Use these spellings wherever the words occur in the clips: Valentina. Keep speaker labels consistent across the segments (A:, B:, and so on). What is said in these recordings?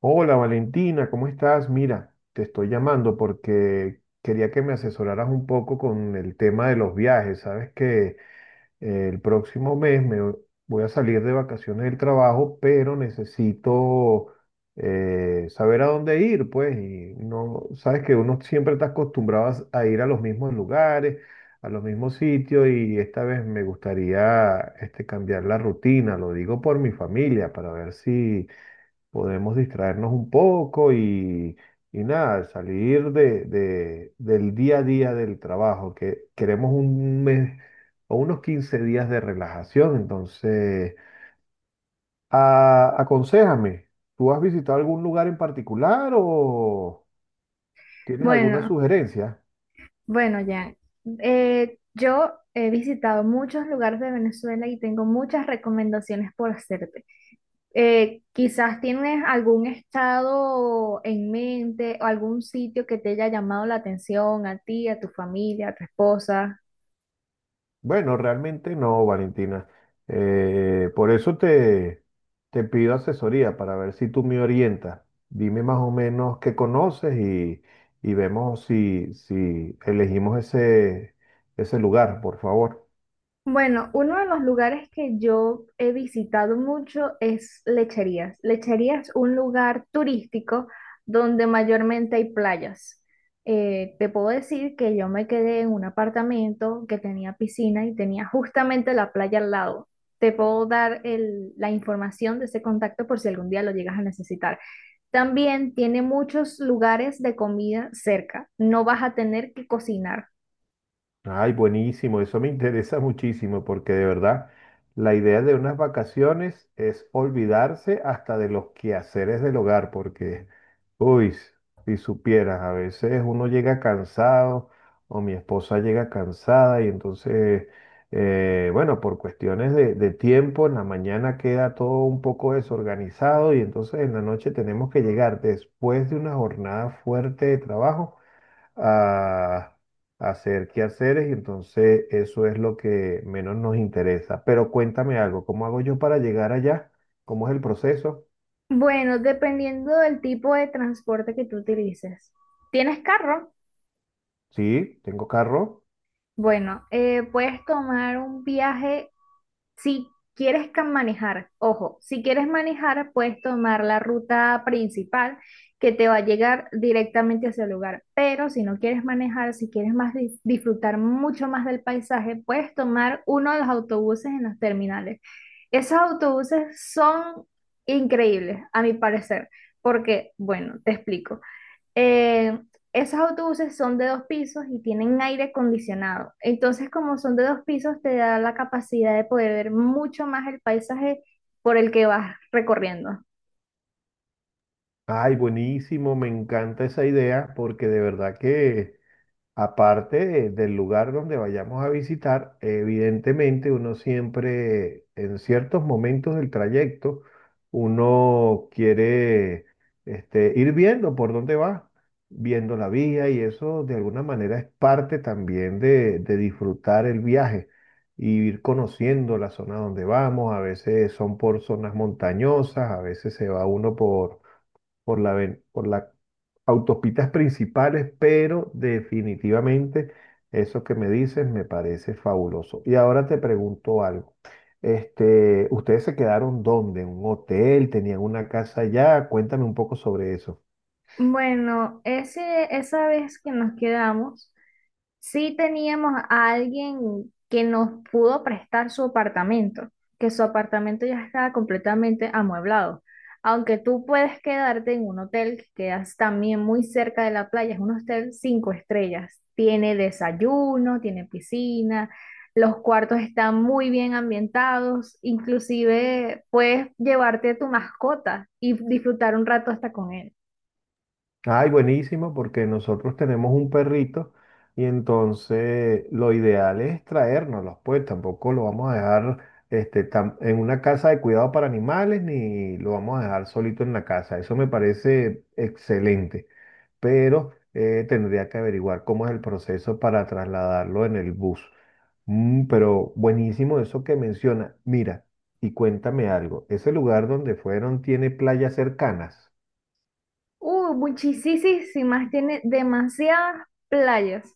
A: Hola Valentina, ¿cómo estás? Mira, te estoy llamando porque quería que me asesoraras un poco con el tema de los viajes. Sabes que el próximo mes me voy a salir de vacaciones del trabajo, pero necesito saber a dónde ir, pues. Y no, sabes que uno siempre está acostumbrado a ir a los mismos lugares, a los mismos sitios, y esta vez me gustaría cambiar la rutina. Lo digo por mi familia, para ver si podemos distraernos un poco y nada, salir del día a día del trabajo, que queremos un mes o unos 15 días de relajación. Entonces, aconséjame, ¿tú has visitado algún lugar en particular o tienes alguna
B: Bueno,
A: sugerencia?
B: bueno, Jan. Yo he visitado muchos lugares de Venezuela y tengo muchas recomendaciones por hacerte. Quizás tienes algún estado en mente o algún sitio que te haya llamado la atención a ti, a tu familia, a tu esposa.
A: Bueno, realmente no, Valentina. Por eso te pido asesoría para ver si tú me orientas. Dime más o menos qué conoces y vemos si elegimos ese lugar, por favor.
B: Bueno, uno de los lugares que yo he visitado mucho es Lecherías. Lecherías es un lugar turístico donde mayormente hay playas. Te puedo decir que yo me quedé en un apartamento que tenía piscina y tenía justamente la playa al lado. Te puedo dar la información de ese contacto por si algún día lo llegas a necesitar. También tiene muchos lugares de comida cerca. No vas a tener que cocinar.
A: Ay, buenísimo, eso me interesa muchísimo porque de verdad la idea de unas vacaciones es olvidarse hasta de los quehaceres del hogar, porque, uy, si supieras, a veces uno llega cansado o mi esposa llega cansada y entonces, bueno, por cuestiones de tiempo, en la mañana queda todo un poco desorganizado y entonces en la noche tenemos que llegar después de una jornada fuerte de trabajo a, a hacer quehaceres y entonces eso es lo que menos nos interesa. Pero cuéntame algo, ¿cómo hago yo para llegar allá? ¿Cómo es el proceso?
B: Bueno, dependiendo del tipo de transporte que tú utilices. ¿Tienes carro?
A: Sí, tengo carro.
B: Bueno, puedes tomar un viaje si quieres manejar. Ojo, si quieres manejar, puedes tomar la ruta principal que te va a llegar directamente hacia el lugar. Pero si no quieres manejar, si quieres más disfrutar mucho más del paisaje, puedes tomar uno de los autobuses en los terminales. Esos autobuses son increíbles, a mi parecer, porque, bueno, te explico. Eh, Esos autobuses son de dos pisos y tienen aire acondicionado. Entonces, como son de dos pisos, te da la capacidad de poder ver mucho más el paisaje por el que vas recorriendo.
A: Ay, buenísimo, me encanta esa idea porque de verdad que aparte del lugar donde vayamos a visitar, evidentemente uno siempre, en ciertos momentos del trayecto, uno quiere ir viendo por dónde va, viendo la vía y eso de alguna manera es parte también de disfrutar el viaje y ir conociendo la zona donde vamos. A veces son por zonas montañosas, a veces se va uno por por las autopistas principales, pero definitivamente eso que me dices me parece fabuloso. Y ahora te pregunto algo. ¿Ustedes se quedaron dónde? ¿En un hotel? ¿Tenían una casa allá? Cuéntame un poco sobre eso.
B: Bueno, esa vez que nos quedamos, sí teníamos a alguien que nos pudo prestar su apartamento, que su apartamento ya estaba completamente amueblado. Aunque tú puedes quedarte en un hotel que quedas también muy cerca de la playa, es un hotel cinco estrellas. Tiene desayuno, tiene piscina, los cuartos están muy bien ambientados, inclusive puedes llevarte tu mascota y disfrutar un rato hasta con él.
A: Ay, buenísimo, porque nosotros tenemos un perrito y entonces lo ideal es traérnoslos, pues tampoco lo vamos a dejar en una casa de cuidado para animales ni lo vamos a dejar solito en la casa. Eso me parece excelente, pero tendría que averiguar cómo es el proceso para trasladarlo en el bus. Mm, pero buenísimo eso que menciona. Mira, y cuéntame algo, ¿ese lugar donde fueron tiene playas cercanas?
B: Muchísimas, tiene demasiadas playas.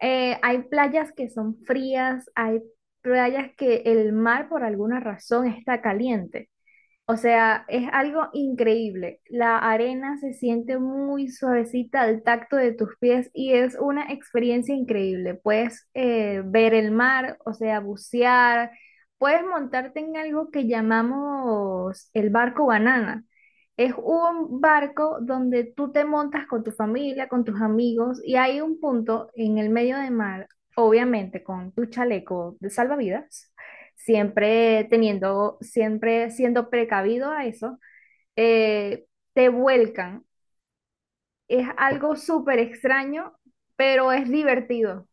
B: Hay playas que son frías, hay playas que el mar por alguna razón está caliente. O sea, es algo increíble. La arena se siente muy suavecita al tacto de tus pies y es una experiencia increíble. Puedes ver el mar, o sea, bucear, puedes montarte en algo que llamamos el barco banana. Es un barco donde tú te montas con tu familia, con tus amigos y hay un punto en el medio del mar, obviamente con tu chaleco de salvavidas, siempre siendo precavido a eso, eh, te vuelcan. Es algo súper extraño, pero es divertido.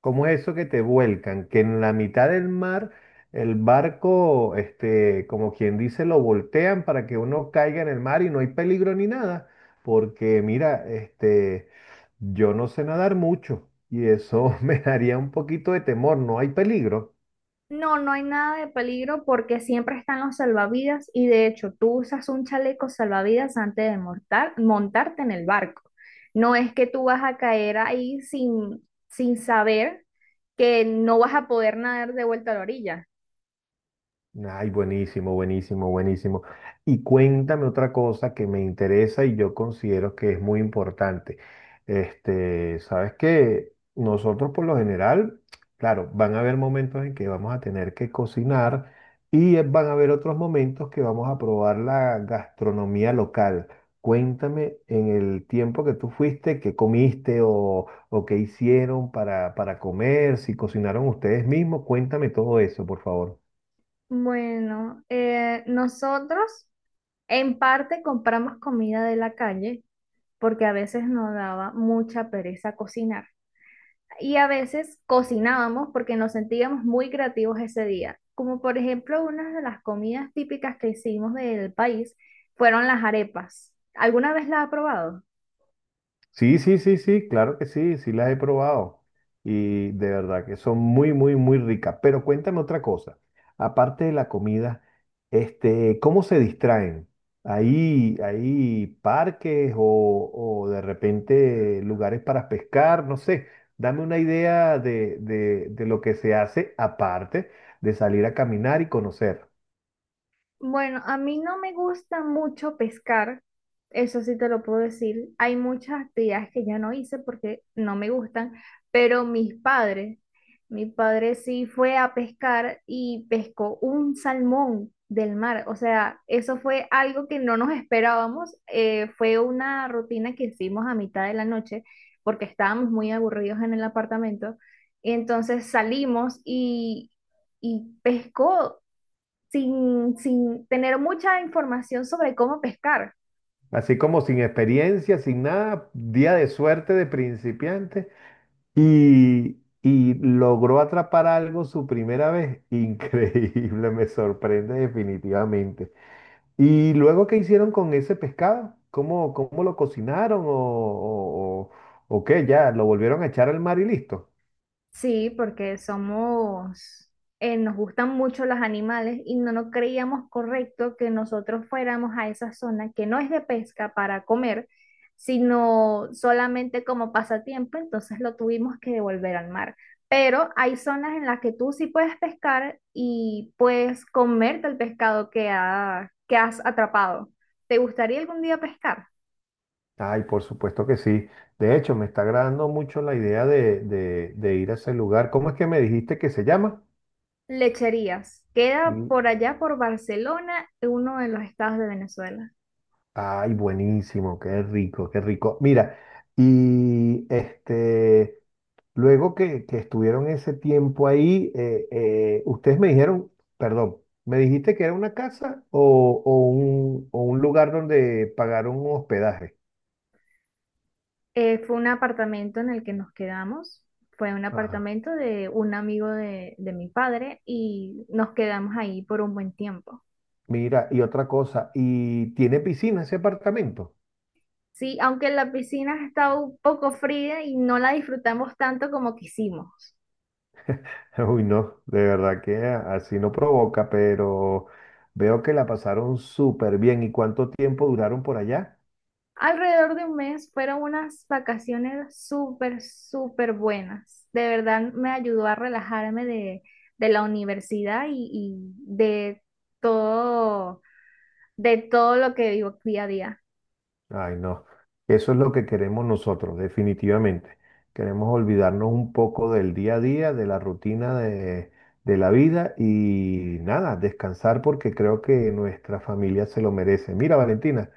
A: Como eso que te vuelcan, que en la mitad del mar el barco, como quien dice, lo voltean para que uno caiga en el mar y no hay peligro ni nada, porque mira, yo no sé nadar mucho y eso me daría un poquito de temor, no hay peligro.
B: No, no hay nada de peligro porque siempre están los salvavidas y de hecho tú usas un chaleco salvavidas antes de montarte en el barco. No es que tú vas a caer ahí sin saber que no vas a poder nadar de vuelta a la orilla.
A: Ay, buenísimo, buenísimo, buenísimo. Y cuéntame otra cosa que me interesa y yo considero que es muy importante. Sabes que nosotros por lo general, claro, van a haber momentos en que vamos a tener que cocinar y van a haber otros momentos que vamos a probar la gastronomía local. Cuéntame en el tiempo que tú fuiste, qué comiste o qué hicieron para comer, si cocinaron ustedes mismos, cuéntame todo eso, por favor.
B: Bueno, nosotros en parte compramos comida de la calle porque a veces nos daba mucha pereza cocinar y a veces cocinábamos porque nos sentíamos muy creativos ese día. Como por ejemplo, una de las comidas típicas que hicimos del país fueron las arepas. ¿Alguna vez las ha probado?
A: Sí, sí, sí, sí, claro que sí, sí las he probado y de verdad que son muy, muy, muy ricas. Pero cuéntame otra cosa, aparte de la comida, ¿cómo se distraen? ¿ hay parques o de repente lugares para pescar? No sé, dame una idea de lo que se hace aparte de salir a caminar y conocer.
B: Bueno, a mí no me gusta mucho pescar, eso sí te lo puedo decir. Hay muchas actividades que ya no hice porque no me gustan, pero mis padres, mi padre sí fue a pescar y pescó un salmón del mar. O sea, eso fue algo que no nos esperábamos. Fue una rutina que hicimos a mitad de la noche porque estábamos muy aburridos en el apartamento. Entonces salimos y pescó sin tener mucha información sobre cómo pescar.
A: Así como sin experiencia, sin nada, día de suerte de principiante. Y logró atrapar algo su primera vez. Increíble, me sorprende definitivamente. ¿Y luego qué hicieron con ese pescado? ¿ cómo lo cocinaron o qué? ¿Ya lo volvieron a echar al mar y listo?
B: Sí, porque somos, nos gustan mucho los animales y no nos creíamos correcto que nosotros fuéramos a esa zona que no es de pesca para comer, sino solamente como pasatiempo, entonces lo tuvimos que devolver al mar. Pero hay zonas en las que tú sí puedes pescar y puedes comerte el pescado que has atrapado. ¿Te gustaría algún día pescar?
A: Ay, por supuesto que sí. De hecho, me está agradando mucho la idea de ir a ese lugar. ¿Cómo es que me dijiste que se llama?
B: Lecherías. Queda
A: L-
B: por allá por Barcelona, uno de los estados de Venezuela.
A: Ay, buenísimo, qué rico, qué rico. Mira, y este... Luego que estuvieron ese tiempo ahí, ustedes me dijeron, perdón, ¿me dijiste que era una casa o un lugar donde pagaron un hospedaje?
B: Fue un apartamento en el que nos quedamos. Fue un
A: Ajá.
B: apartamento de un amigo de mi padre y nos quedamos ahí por un buen tiempo.
A: Mira, y otra cosa, ¿y tiene piscina ese apartamento?
B: Sí, aunque la piscina estaba un poco fría y no la disfrutamos tanto como quisimos.
A: Uy, no, de verdad que así no provoca, pero veo que la pasaron súper bien. ¿Y cuánto tiempo duraron por allá?
B: Alrededor de un mes fueron unas vacaciones súper, súper buenas. De verdad me ayudó a relajarme de la universidad y todo, de todo lo que vivo día a día.
A: Ay, no. Eso es lo que queremos nosotros, definitivamente. Queremos olvidarnos un poco del día a día, de la rutina de la vida y nada, descansar porque creo que nuestra familia se lo merece. Mira, Valentina,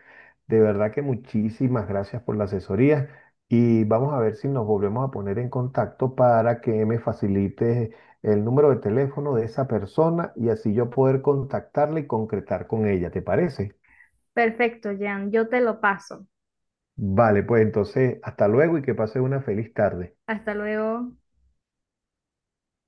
A: de verdad que muchísimas gracias por la asesoría y vamos a ver si nos volvemos a poner en contacto para que me facilites el número de teléfono de esa persona y así yo poder contactarla y concretar con ella. ¿Te parece?
B: Perfecto, Jan, yo te lo paso.
A: Vale, pues entonces, hasta luego y que pases una feliz tarde.
B: Hasta luego.